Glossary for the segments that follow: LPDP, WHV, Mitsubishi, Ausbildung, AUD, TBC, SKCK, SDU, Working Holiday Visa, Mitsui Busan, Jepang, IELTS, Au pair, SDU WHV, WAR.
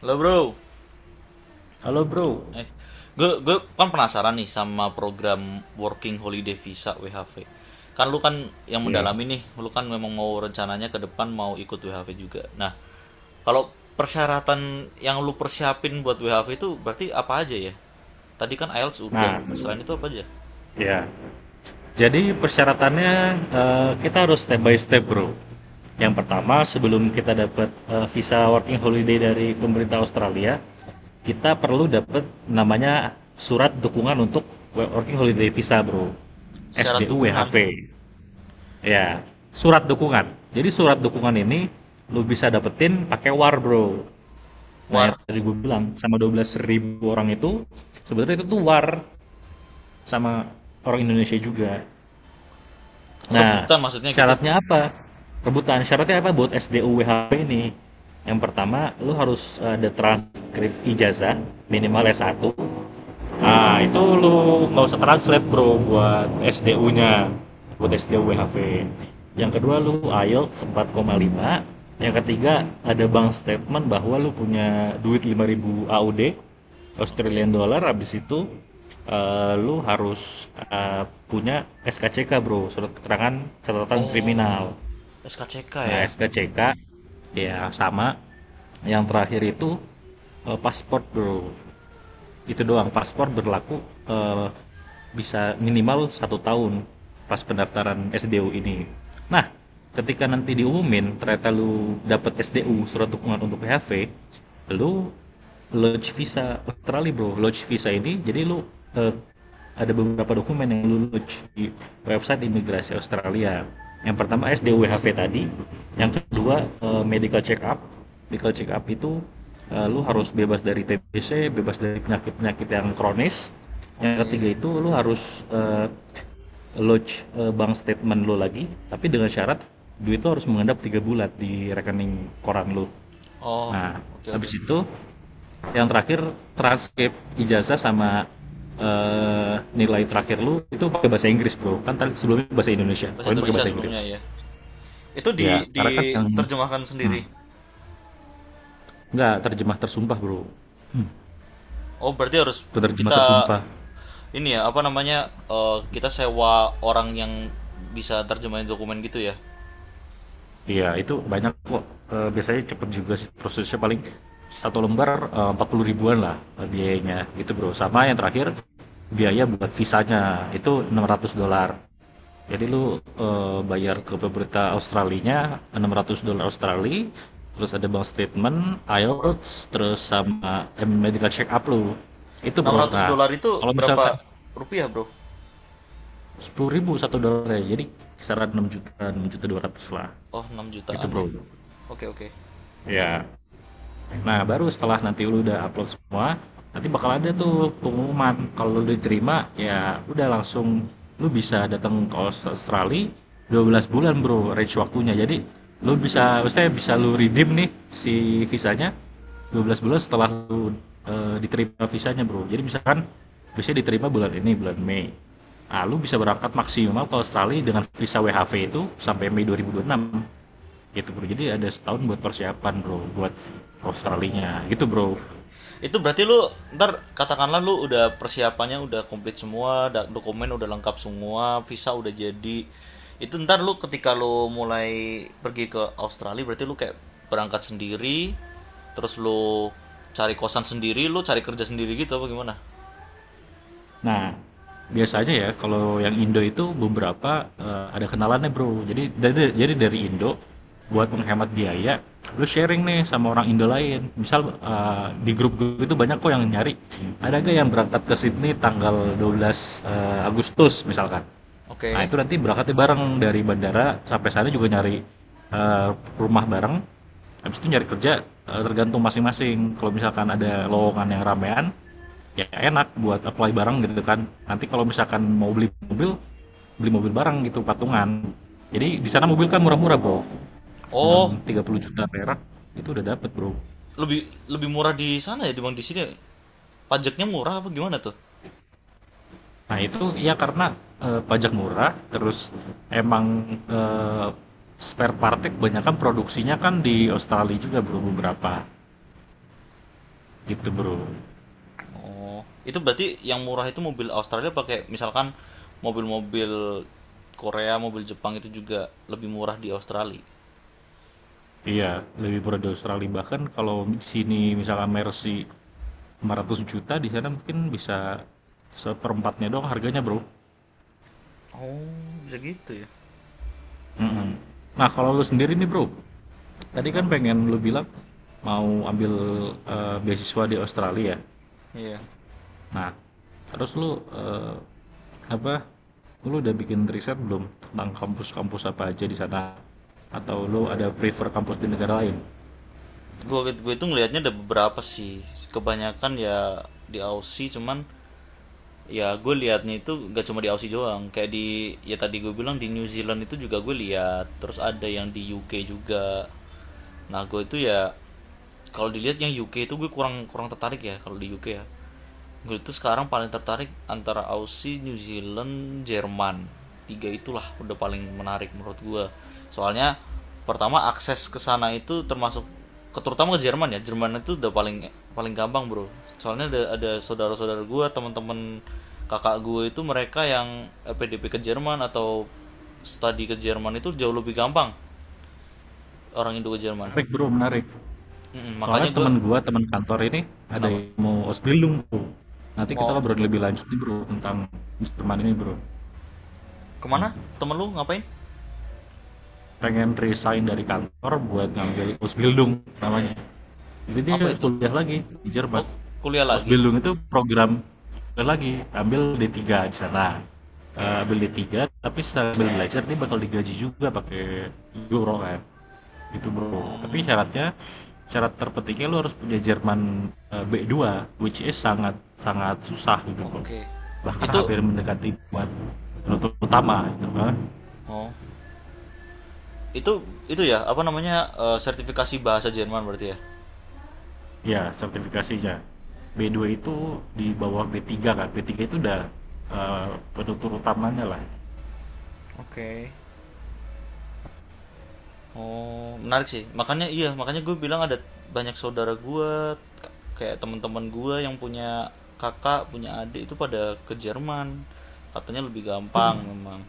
Halo bro. Halo bro. Eh, gue kan penasaran nih sama program Working Holiday Visa WHV. Kan lu kan yang Ya. mendalami nih, lu kan memang mau rencananya ke depan mau ikut WHV juga. Nah, kalau persyaratan yang lu persiapin buat WHV itu berarti apa aja ya? Tadi kan IELTS udah. Nah, Selain itu apa aja? ya. Jadi persyaratannya kita harus step by step, bro. Yang pertama, sebelum kita dapat visa working holiday dari pemerintah Australia, kita perlu dapat namanya surat dukungan untuk working holiday visa, bro. Syarat SDU dukungan, WHV. Ya, surat dukungan. Jadi surat dukungan ini lu bisa dapetin pakai WAR, bro. Nah, yang war, tadi gue bilang sama 12.000 orang itu sebenarnya itu tuh WAR. Sama orang Indonesia juga. Nah, rebutan maksudnya gitu. syaratnya apa? Rebutan. Syaratnya apa buat SDUWHP ini? Yang pertama, lu harus ada transkrip ijazah minimal S1. Nah, Oke, itu lu nggak usah translate bro buat SDU-nya, buat SDU WHV. Yang kedua lu IELTS 4,5. Yang ketiga ada bank statement bahwa lu punya duit 5.000 AUD, oke. Australian Dollar. Habis itu lu harus punya SKCK bro, surat keterangan catatan Oh, kriminal. SKCK Nah, ya. SKCK ya sama. Yang terakhir itu paspor bro, itu doang. Paspor berlaku eh, bisa minimal 1 tahun pas pendaftaran SDU ini. Nah, ketika nanti diumumin ternyata lu dapet SDU surat dukungan untuk PHV, lu lodge visa Australia bro. Lodge visa ini jadi lu eh, ada beberapa dokumen yang lulus di website imigrasi Australia. Yang pertama Oke, SDWHV tadi, yang hah? kedua medical check up. Medical check up itu lu harus bebas dari TBC, bebas dari penyakit-penyakit yang kronis. Yang Oke. ketiga itu lu harus lodge bank statement lu lagi, tapi dengan syarat duit lu harus mengendap 3 bulan di rekening koran lu. Oh, Nah, oke, oke. habis itu yang terakhir transkrip ijazah sama eh, nilai terakhir lu itu pakai bahasa Inggris bro, kan tadi sebelumnya bahasa Indonesia Bahasa poin pakai Indonesia bahasa sebelumnya Inggris. ya, itu Ya karena kan yang diterjemahkan hmm, sendiri. nggak terjemah tersumpah bro. hmm, Oh, berarti harus Terjemah kita tersumpah. ini ya apa namanya, kita sewa orang yang bisa terjemahin dokumen gitu ya. Iya itu banyak kok. Biasanya cepet juga sih prosesnya, paling satu lembar 40 ribuan lah, biayanya gitu bro. Sama yang terakhir biaya buat visanya itu 600 dolar. Jadi lu bayar Oke, ke pemerintah Australinya 600 dolar Australia, terus ada bank statement, okay. IELTS, terus sama medical check up lu. Itu enam bro. ratus Nah, dolar itu kalau misalkan berapa rupiah bro? 10.000 satu dolarnya, jadi kisaran 6 juta, 6 juta 200 lah. Oh, enam Itu jutaan bro. ya. Oke, okay, oke, okay. Ya. Nah, baru setelah nanti lu udah upload semua, nanti bakal ada tuh pengumuman. Kalau lu diterima, ya udah langsung lu bisa datang ke Australia 12 bulan, Bro, range waktunya. Jadi, lu bisa maksudnya bisa lu redeem nih si visanya 12 bulan setelah lu diterima visanya, Bro. Jadi, misalkan bisa diterima bulan ini, bulan Mei. Nah, lu bisa berangkat maksimal ke Australia dengan visa WHV itu sampai Mei 2026, gitu bro. Jadi ada setahun buat persiapan bro buat Oh, Australinya, gitu oke, bro. oke. Itu berarti lu ntar katakanlah lu udah persiapannya udah komplit semua, dokumen udah lengkap semua, visa udah jadi. Itu ntar lu ketika lu mulai pergi ke Australia berarti lu kayak berangkat sendiri, terus lu cari kosan sendiri, lu cari kerja sendiri, gitu apa gimana? Nah biasanya, ya kalau yang Indo itu beberapa ada kenalannya bro, jadi dari Indo. Buat menghemat biaya lu sharing nih sama orang Indo lain, misal di grup gue itu banyak kok yang nyari ada gak yang berangkat ke Sydney tanggal 12 Agustus misalkan. Nah Oke. itu nanti berangkatnya bareng dari bandara sampai sana, juga nyari eh, rumah bareng. Habis itu nyari kerja, tergantung masing-masing. Kalau misalkan ada lowongan yang ramean, ya enak buat apply bareng gitu kan. Nanti kalau misalkan mau beli mobil, beli mobil bareng gitu, patungan. Jadi di sana mobil kan murah-murah bro, cuma Oh, 30 juta perak itu udah dapet bro. lebih lebih murah di sana ya dibanding di sini. Ya? Pajaknya murah apa gimana tuh? Nah itu ya, karena pajak murah terus emang spare partnya kebanyakan produksinya kan di Australia juga bro, beberapa gitu bro. Oh, itu berarti yang murah itu mobil Australia, pakai misalkan mobil-mobil Korea, mobil Jepang, itu juga lebih murah di Australia. Iya lebih murah di Australia. Bahkan kalau di sini misalkan Mercy 500 juta, di sana mungkin bisa seperempatnya doang harganya bro. Oh, bisa gitu ya. Mm-mm. Nah kalau lu sendiri nih bro, tadi kan Kenapa? pengen lu bilang mau ambil beasiswa di Australia. Iya. Nah terus lu apa, lu udah bikin riset belum tentang kampus-kampus apa aja di sana, atau lu ada prefer kampus di negara lain? Gue itu ngelihatnya ada beberapa sih. Kebanyakan ya di Aussie, cuman ya gue liatnya itu gak cuma di Aussie doang, kayak di ya tadi gue bilang di New Zealand itu juga gue lihat, terus ada yang di UK juga. Nah, gue itu ya kalau dilihat yang UK itu gue kurang kurang tertarik ya, kalau di UK ya gue itu sekarang paling tertarik antara Aussie, New Zealand, Jerman. Tiga itulah udah paling menarik menurut gue, soalnya pertama akses ke sana itu termasuk, terutama ke Jerman ya. Jerman itu udah paling paling gampang bro, soalnya ada saudara-saudara gue, teman-teman kakak gue itu, mereka yang PDP ke Jerman atau studi ke Jerman itu jauh lebih gampang orang Indo ke Jerman. Menarik bro, menarik. Mm-mm, Soalnya makanya gue. teman gua, teman kantor ini ada Kenapa? yang mau Ausbildung bro. Nanti kita Mau ngobrol lebih lanjut nih bro tentang Jerman ini bro. kemana temen lu, ngapain? Pengen resign dari kantor buat ngambil Ausbildung namanya. Jadi dia Apa itu? kuliah lagi di Jerman. Oh, kuliah lagi. Ausbildung itu program kuliah lagi, ambil D3 di sana. Eh, ambil D3 tapi sambil belajar dia bakal digaji juga pakai euro kan. Gitu bro. Tapi Hmm, syaratnya, syarat terpentingnya lo harus punya Jerman B2, which is sangat sangat susah gitu bro. oke, okay. Bahkan Itu. hampir mendekati buat penutup utama gitu. Hah? Oh, itu itu ya apa namanya, sertifikasi bahasa Jerman berarti ya? Ya sertifikasinya. B dua itu di bawah B3 kan. B3 itu udah eh, penutur utamanya lah. Oke, okay. Oh, menarik sih. Makanya iya, makanya gue bilang ada banyak saudara gue, kayak teman-teman gue yang punya kakak, punya adik itu pada ke Jerman. Katanya lebih Itu, gampang memang.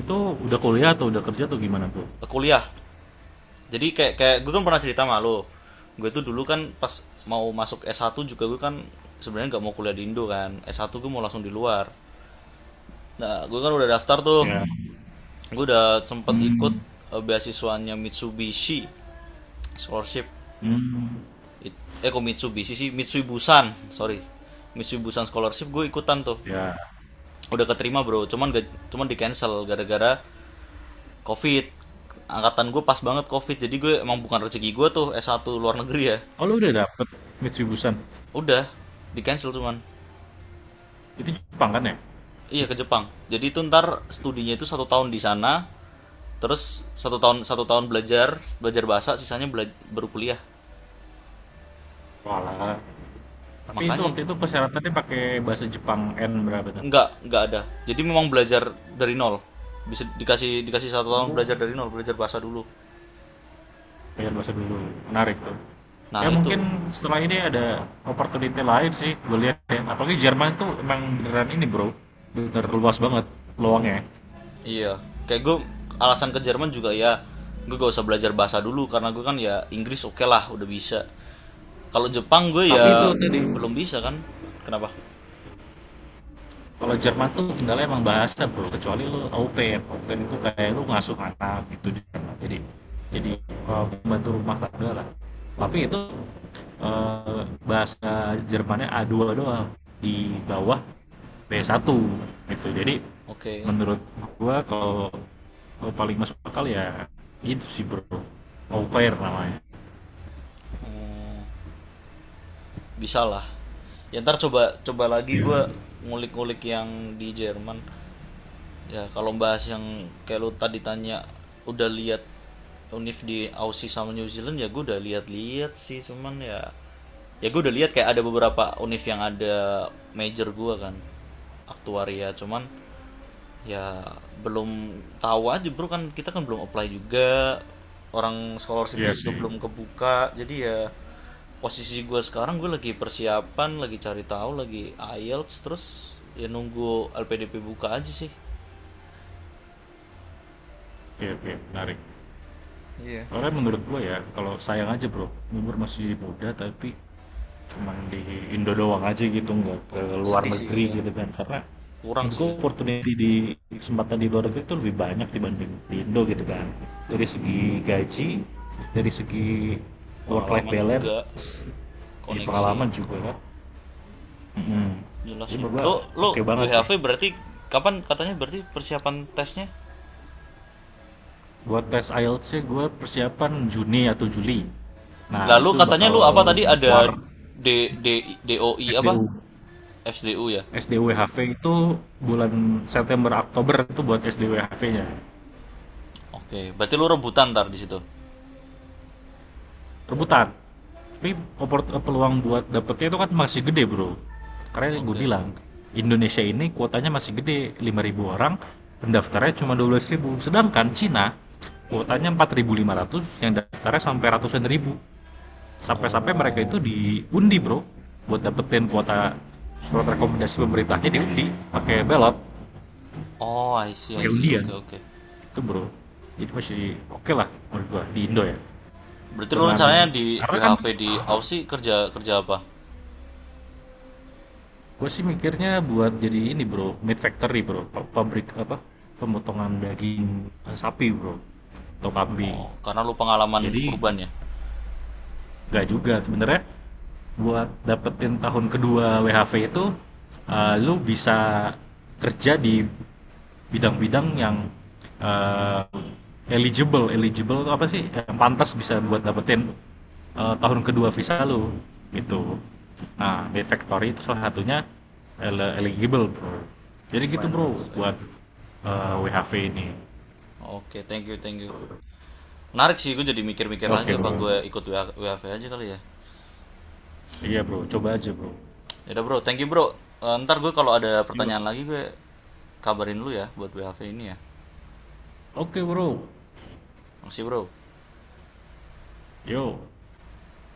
itu udah kuliah atau udah kerja atau gimana tuh? Kuliah. Jadi kayak kayak gue kan pernah cerita sama lo. Gue tuh dulu kan pas mau masuk S1 juga, gue kan sebenarnya nggak mau kuliah di Indo kan. S1 gue mau langsung di luar. Nah, gue kan udah daftar tuh. Ya. Gue udah sempet ikut Hmm. Beasiswanya Mitsubishi scholarship, Hmm. Kok Mitsubishi sih, Mitsui Busan, sorry, Mitsui Busan scholarship gue ikutan tuh, Ya. udah keterima bro, cuman gak, cuman di cancel gara-gara covid. Angkatan gue pas banget covid, jadi gue emang bukan rezeki gue tuh s satu luar negeri ya. Oh, lu udah dapet Mitsubishi-an. Udah di cancel, cuman Itu Jepang kan ya? iya, ke Jepang, jadi itu ntar studinya itu satu tahun di sana. Terus satu tahun belajar belajar bahasa, sisanya baru kuliah. Walah. Tapi itu Makanya waktu itu persyaratannya pakai bahasa Jepang N berapa tuh? nggak ada, jadi memang belajar dari nol, bisa dikasih dikasih satu tahun belajar dari nol, belajar bahasa dulu. Belajar bahasa dulu, menarik tuh. Nah Ya mungkin itu. setelah ini ada opportunity lain sih, gue lihat ya. Apalagi Jerman tuh emang beneran ini bro, bener luas banget peluangnya. Iya kayak gue, alasan ke Jerman juga ya gue gak usah belajar bahasa dulu, karena gue kan ya Inggris oke lah udah bisa, kalau Jepang gue Tapi itu ya tadi, belum bisa kan. Kenapa? kalau Jerman tuh kendala emang bahasa bro, kecuali lu au pair. Au pair itu kayak lu ngasuh anak gitu di Jerman. Jadi, pembantu rumah tangga lah. Tapi itu bahasa Jermannya A2 doang, di bawah B1 gitu. Jadi Oke. menurut gua kalau kalau paling masuk akal ya itu sih bro, au pair namanya. Hmm, bisa lah ya, ntar coba coba lagi gue Iya. ngulik-ngulik yang di Jerman. Ya, kalau bahas yang kayak lu tadi tanya, udah lihat Unif di Aussie sama New Zealand, ya gue udah lihat-lihat sih, cuman ya ya gue udah lihat kayak ada beberapa Unif yang ada major gue kan aktuaria, cuman ya belum tahu aja bro, kan kita kan belum apply juga, orang Ya scholarshipnya juga sih. belum kebuka, jadi ya posisi gue sekarang gue lagi persiapan lagi, cari tahu lagi IELTS, terus ya nunggu LPDP buka aja sih. Oke oke, menarik. Iya. Soalnya menurut gua ya, kalau sayang aja bro umur masih muda tapi cuma di Indo doang aja gitu, nggak ke luar Sedih sih negeri ya. gitu kan. Karena Kurang menurut sih gua ya. opportunity di kesempatan di luar negeri itu lebih banyak dibanding di Indo gitu kan, dari segi gaji, dari segi work life Pengalaman juga, balance, di koneksi pengalaman juga kan. Mhm. jelas Jadi sih. Bapak Lo oke lo banget sih. WHV berarti kapan katanya berarti persiapan tesnya? Buat tes IELTS-nya gue persiapan Juni atau Juli. Nah, habis Lalu itu katanya bakal lu apa tadi, buat WAR ada D D DOI apa? SDU. SDU ya. SDUWHV itu bulan September Oktober itu buat SDUWHV-nya. Oke, berarti lu rebutan ntar di situ. Rebutan. Tapi peluang buat dapetnya itu kan masih gede, Bro. Karena gue Oke. bilang, Indonesia ini kuotanya masih gede, 5.000 orang, pendaftarnya cuma 12.000. Sedangkan Cina kuotanya 4.500, yang daftarnya sampai ratusan ribu. Sampai-sampai mereka Oh. itu diundi bro buat dapetin kuota surat rekomendasi pemerintahnya, diundi pakai belot, Oh, I see, I pakai see. undian Oke, oke. itu bro. Jadi masih oke lah menurut gua di Indo ya. Berarti lu Dengan, rencananya di karena kan WHV di Aussie kerja kerja apa? gua sih mikirnya buat jadi ini bro, meat factory bro, pabrik apa pemotongan daging sapi bro atau kambing. Oh, karena lu pengalaman Jadi kurban ya. nggak juga sebenarnya, buat dapetin tahun kedua WHV itu lu bisa kerja di bidang-bidang yang eh, eligible, eligible apa sih yang pantas bisa buat dapetin tahun kedua Oke. visa lu gitu. Nah di factory itu salah satunya eligible bro. Jadi gitu Lumayan bro, bagus lah ya. buat WHV ini. Oke, thank you, thank you. Menarik sih, gue jadi mikir-mikir lagi Oke apa bro. gue ikut WAV aja kali ya. Iya bro coba aja bro. Ya udah bro, thank you bro. Ntar gue kalau ada pertanyaan lagi gue kabarin lu ya buat WAV ini ya. Oke bro. Makasih bro. Yo.